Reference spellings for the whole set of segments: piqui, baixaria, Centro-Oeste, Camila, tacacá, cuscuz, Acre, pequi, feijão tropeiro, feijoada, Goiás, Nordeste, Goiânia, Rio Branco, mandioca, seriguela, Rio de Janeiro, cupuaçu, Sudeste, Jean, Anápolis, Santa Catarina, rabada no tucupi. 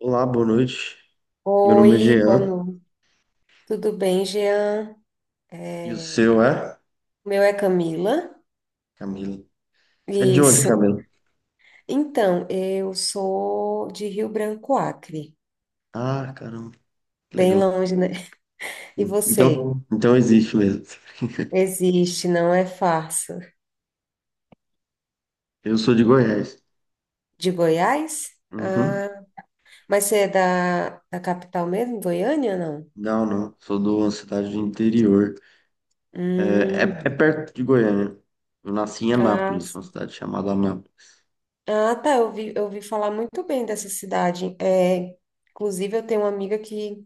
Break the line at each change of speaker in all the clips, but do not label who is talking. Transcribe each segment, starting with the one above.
Olá, boa noite. Meu nome é
Oi, boa
Jean
noite. Tudo bem, Jean?
e o
É,
seu é?
o meu é Camila.
Camila. Você é de onde,
Isso.
Camila?
Então, eu sou de Rio Branco, Acre.
Ah, caramba, que
Bem
legal.
longe, né? E você?
Então, existe mesmo.
Existe, não é farsa.
Eu sou de Goiás.
De Goiás?
Uhum.
Ah, mas você é da capital mesmo, Goiânia, não?
Não, não, sou de uma cidade do interior. É, é,
Hum,
é perto de Goiânia. Eu nasci em
ah,
Anápolis, uma
sim.
cidade chamada Anápolis.
Ah, tá. Eu ouvi falar muito bem dessa cidade. Inclusive, eu tenho uma amiga que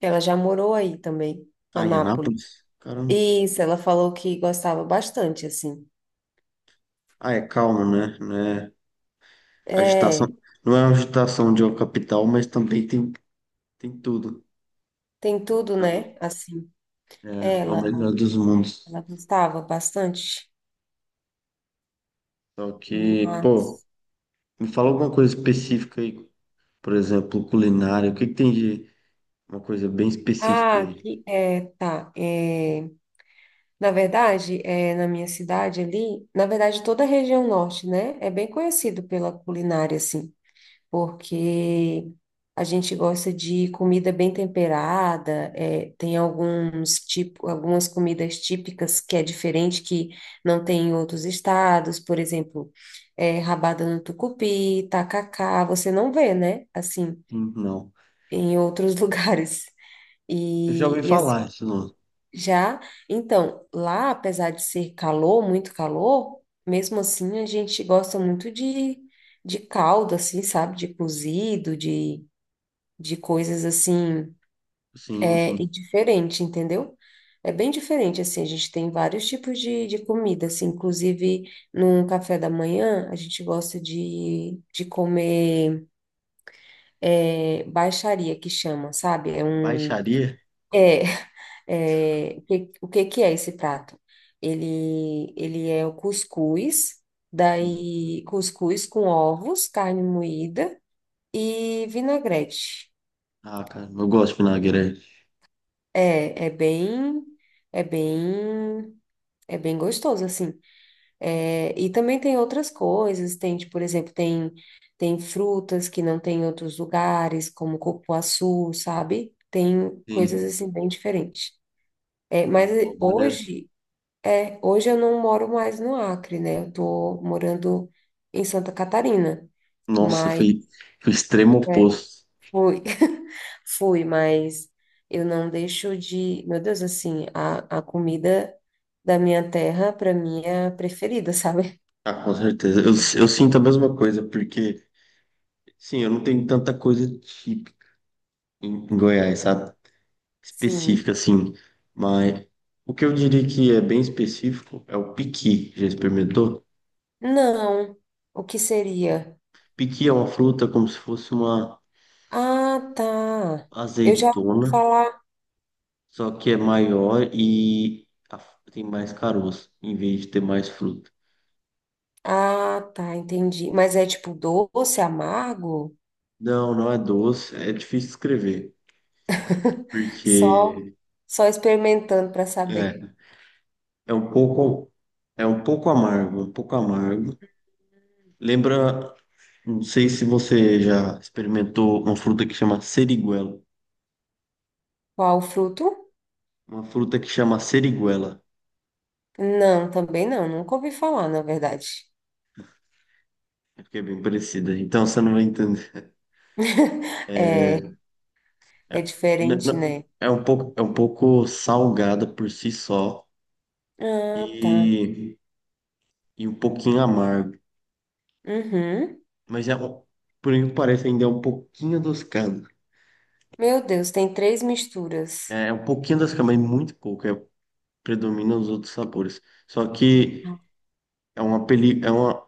ela já morou aí também,
Ah, em
Anápolis.
Anápolis? Caramba.
Isso, ela falou que gostava bastante, assim.
Ah, é calmo, né? Não é agitação.
É,
Não é uma agitação de uma capital, mas também tem, tem tudo.
tem tudo,
Então,
né? Assim,
é, é o
ela,
melhor dos mundos.
ela gostava bastante,
Só que, pô,
mas...
me fala alguma coisa específica aí. Por exemplo, culinária. O que que tem de uma coisa bem específica
Ah,
aí?
aqui, tá. Na verdade, na minha cidade ali, na verdade, toda a região norte, né? É bem conhecido pela culinária, assim. Porque a gente gosta de comida bem temperada, é, tem alguns tipo, algumas comidas típicas que é diferente, que não tem em outros estados. Por exemplo, rabada no tucupi, tacacá, você não vê, né? Assim,
Sim, não.
em outros lugares.
Eu já
E,
ouvi
e assim,
falar isso, não.
já, então, lá, apesar de ser calor, muito calor, mesmo assim a gente gosta muito de caldo, assim, sabe? De cozido, de coisas assim,
Sim,
é, e
sim.
diferente, entendeu? É bem diferente, assim, a gente tem vários tipos de comida, assim, inclusive no café da manhã, a gente gosta de comer baixaria, que chama, sabe? É um...
Baixaria?
É, é, o que que é esse prato? Ele é o cuscuz,
Sim.
daí cuscuz com ovos, carne moída e vinagrete.
Ah, cara, eu gosto de vinagrete.
É, é bem, é bem, É bem gostoso, assim. É, e também tem outras coisas, tem, tipo, por exemplo, tem frutas que não tem em outros lugares, como cupuaçu, sabe? Tem coisas,
Sim.
assim, bem diferentes. É, mas
Ah, pô, maneiro.
hoje, hoje eu não moro mais no Acre, né? Eu tô morando em Santa Catarina,
Nossa,
mas
foi, foi o extremo
é,
oposto.
fui, fui, mas eu não deixo de. Meu Deus, assim, a comida da minha terra, para mim, é a preferida, sabe?
Ah, com certeza. Eu sinto a mesma coisa, porque, sim, eu não tenho tanta coisa típica em Goiás, sabe?
Sim.
Específica, assim. Mas o que eu diria que é bem específico é o piqui. Já experimentou?
Não. O que seria?
Piqui é uma fruta como se fosse uma
Ah, tá. Eu já ouvi
azeitona,
falar.
só que é maior e tem mais caroço, em vez de ter mais fruta.
Ah, tá, entendi. Mas é tipo doce, amargo?
Não, não é doce, é difícil escrever,
Só,
porque
só experimentando para saber
é, é um pouco, é um pouco amargo, um pouco amargo. Lembra, não sei se você já experimentou uma fruta que chama seriguela.
qual o fruto?
Uma fruta que chama seriguela.
Não, também não. Nunca ouvi falar, na verdade.
É porque é bem parecida. Então você não vai entender. É,
É.
é,
É diferente, né?
é um pouco salgada por si só
Ah, tá.
e, e um pouquinho amargo.
Uhum.
Mas é, por isso parece ainda é um pouquinho adocicado.
Meu Deus, tem três misturas.
É, é um pouquinho adocicado, mas muito pouco. É, predomina os outros sabores. Só que é uma, é uma,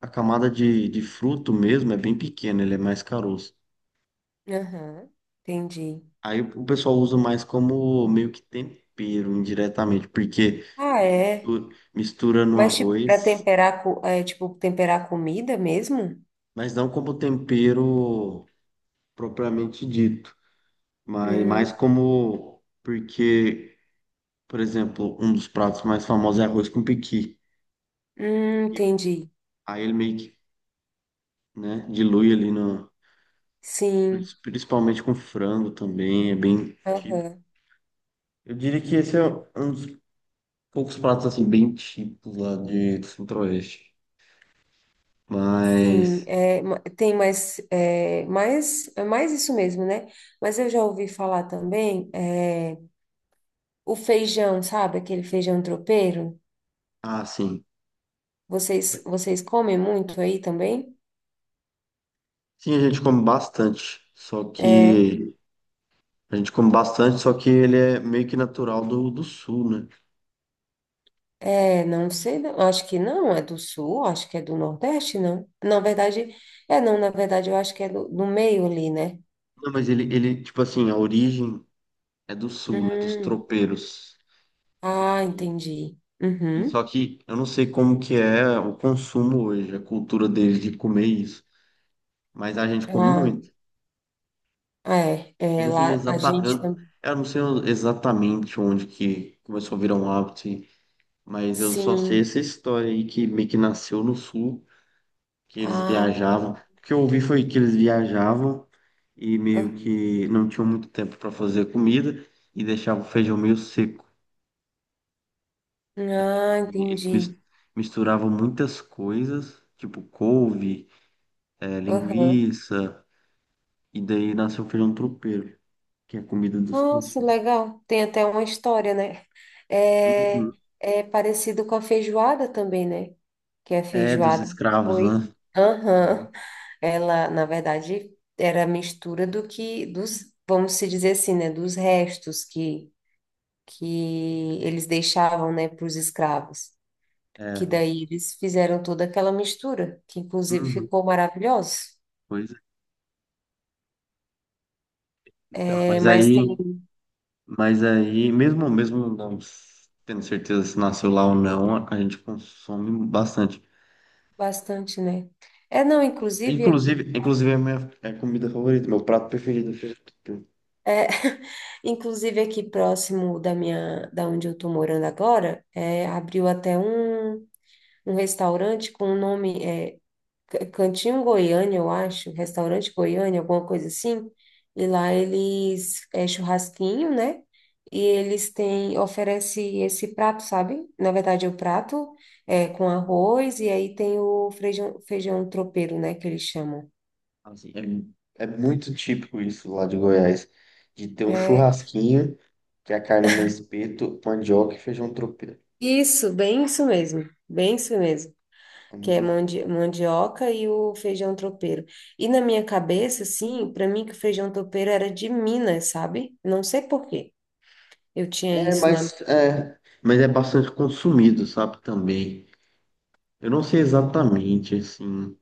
a camada de fruto mesmo é bem pequena, ele é mais caroço.
Aham, entendi.
Aí o pessoal usa mais como meio que tempero indiretamente, porque
Ah, é.
mistura no
Mas tipo, para
arroz,
temperar, co- é, tipo, temperar comida mesmo?
mas não como tempero propriamente dito, mas mais
Hum,
como porque, por exemplo, um dos pratos mais famosos é arroz com pequi. E
entendi.
aí ele meio que, né, dilui ali no,
Sim,
principalmente com frango também, é bem típico.
aham.
Eu diria que esse é um dos poucos pratos assim bem típicos lá de do Centro-Oeste.
Sim,
Mas
é, ma- tem mais, é, mais, é mais isso mesmo, né? Mas eu já ouvi falar também, é, o feijão, sabe? Aquele feijão tropeiro.
ah, sim.
Vocês comem muito aí também?
Sim, a gente come bastante. Só
É.
que a gente come bastante, só que ele é meio que natural do, do sul, né?
É, não sei, não. Acho que não, é do sul, acho que é do nordeste, não. Na verdade, é não, na verdade, eu acho que é do meio ali, né?
Não, mas ele, tipo assim, a origem é do sul, né? Dos
Hum,
tropeiros do
ah,
sul.
entendi.
E só
Uhum.
que eu não sei como que é o consumo hoje, a cultura deles de comer isso. Mas a gente come
Ah,
muito. Eu
é,
não sei
lá a
exata,
gente também.
eu não sei exatamente onde que começou a virar um hábito, mas eu só sei
Sim.
essa história aí que meio que nasceu no sul. Que eles
Ah,
viajavam. O que eu ouvi foi que eles viajavam e
ah,
meio que não tinham muito tempo para fazer comida e deixavam o feijão meio seco.
ah,
E eles
entendi.
misturavam muitas coisas, tipo couve, eh,
Aham.
linguiça, e daí nasceu o feijão tropeiro, que é a comida dos
Nossa,
tropeiros.
legal. Tem até uma história, né? É,
Uhum.
é parecido com a feijoada também, né? Que a
É, dos
feijoada
escravos,
foi.
né? Uhum.
Aham. Ela, na verdade, era a mistura do que, dos, vamos se dizer assim, né, dos restos que eles deixavam, né, para os escravos. Que
É.
daí eles fizeram toda aquela mistura, que inclusive
Uhum.
ficou maravilhoso.
Pois é. Então,
É,
mas
mas
aí.
tem
Mas aí, mesmo, mesmo não tendo certeza se nasceu lá ou não, a gente consome bastante.
bastante, né? É, não, inclusive
Inclusive,
aqui,
inclusive é a minha é a comida favorita, meu prato preferido.
é, inclusive aqui próximo da minha, da onde eu estou morando agora, é, abriu até um, um restaurante com o nome. É, Cantinho Goiânia, eu acho, restaurante Goiânia, alguma coisa assim. E lá eles é churrasquinho, né? E eles têm oferece esse prato, sabe? Na verdade, é o prato é com arroz e aí tem o feijão, feijão tropeiro, né, que eles chamam.
Assim, é, é muito típico isso lá de Goiás, de ter um
É
churrasquinho, que é a carne no espeto, mandioca e feijão tropeiro.
isso, bem isso mesmo. Bem isso mesmo.
É,
Que é mandi mandioca e o feijão tropeiro. E na minha cabeça, assim, para mim que o feijão tropeiro era de Minas, sabe? Não sei por quê. Eu tinha
é,
isso na
mas é, mas é bastante consumido, sabe, também. Eu não sei exatamente, assim,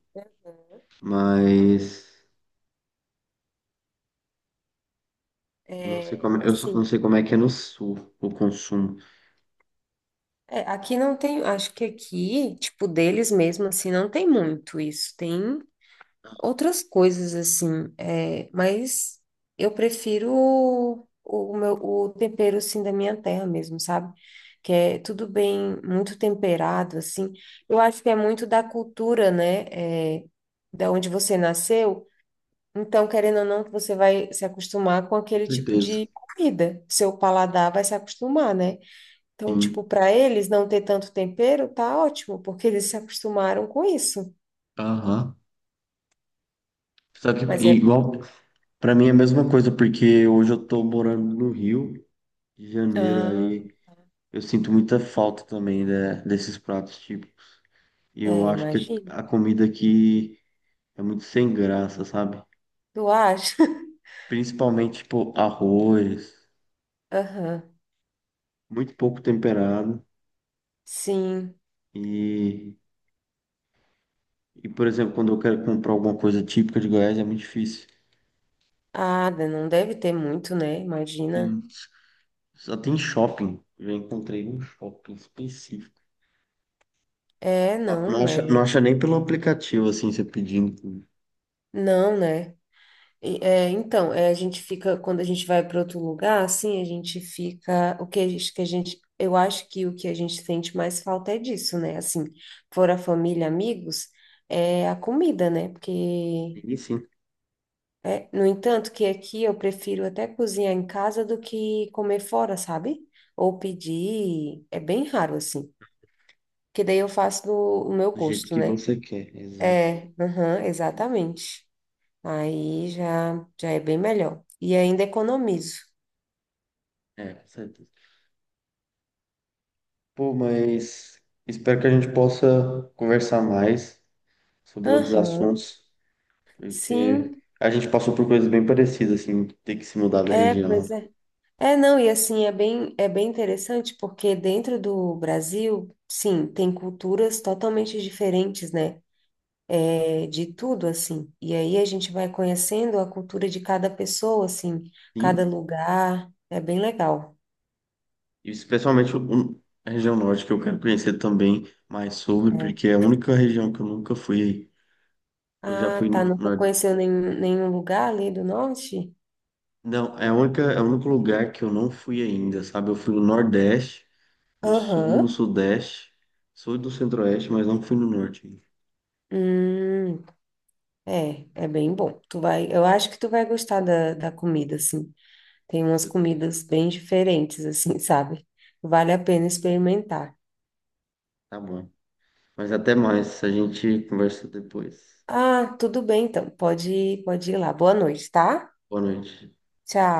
mas... Eu não sei como, é, eu só não
Assim,
sei como é que é no sul o consumo.
é, aqui não tem, acho que aqui, tipo, deles mesmo, assim, não tem muito isso. Tem outras coisas, assim, é, mas eu prefiro o meu, o tempero, assim, da minha terra mesmo, sabe? Que é tudo bem, muito temperado, assim. Eu acho que é muito da cultura, né? É, da onde você nasceu. Então, querendo ou não, você vai se acostumar com
Com
aquele tipo
certeza.
de comida. Seu paladar vai se acostumar, né? Então,
Sim.
tipo, para eles não ter tanto tempero, tá ótimo, porque eles se acostumaram com isso.
Aham. Sabe, que-
Mas é.
igual, pra mim é a mesma coisa, porque hoje eu tô morando no Rio de Janeiro,
Ah,
aí eu sinto muita falta também né, desses pratos típicos. E
é,
eu acho que
imagino.
a comida aqui é muito sem graça, sabe?
Tu acha?
Principalmente, tipo, arroz,
Aham.
muito pouco temperado.
Sim.
E, e, por exemplo, quando eu quero comprar alguma coisa típica de Goiás, é muito difícil.
Ah, né, não deve ter muito, né? Imagina.
Só tem shopping. Eu encontrei um shopping específico. Não, não acha, não
É.
acha nem pelo aplicativo, assim, você pedindo.
Não, né? E, é, então, é, a gente fica, quando a gente vai para outro lugar, assim, a gente fica. O que a gente, que a gente. Eu acho que o que a gente sente mais falta é disso, né? Assim, fora família, amigos, é a comida, né? Porque
Ele sim,
é, no entanto, que aqui eu prefiro até cozinhar em casa do que comer fora, sabe? Ou pedir, é bem raro assim. Que daí eu faço do o meu
do jeito
gosto,
que
né?
você quer. Exato.
É, aham, exatamente. Aí já, já é bem melhor. E ainda economizo.
É, com certeza. Pô, mas espero que a gente possa conversar mais sobre outros
Aham,
assuntos, porque
sim,
a gente passou por coisas bem parecidas, assim, ter que se mudar da
é,
região.
pois é. É, não, e assim, é bem interessante porque dentro do Brasil, sim, tem culturas totalmente diferentes, né? É, de tudo, assim. E aí a gente vai conhecendo a cultura de cada pessoa, assim, cada
Sim,
lugar. É bem legal.
e especialmente o- a região norte, que eu quero conhecer também mais sobre,
É.
porque é a única região que eu nunca fui. Eu já
Ah,
fui
tá.
no
Nunca conheceu nenhum, nenhum lugar ali do norte?
não, é a única, é o único lugar que eu não fui ainda, sabe? Eu fui no Nordeste, no Sul, no
Aham.
Sudeste, Sul do Centro-Oeste, mas não fui no Norte. Ainda.
Hum, é, é bem bom. Tu vai, eu acho que tu vai gostar da comida, assim. Tem umas
Sou
comidas bem diferentes, assim, sabe? Vale a pena experimentar.
tá bom. Mas até mais, a gente conversa depois.
Ah, tudo bem, então. Pode, pode ir lá. Boa noite, tá?
Boa noite.
Tchau.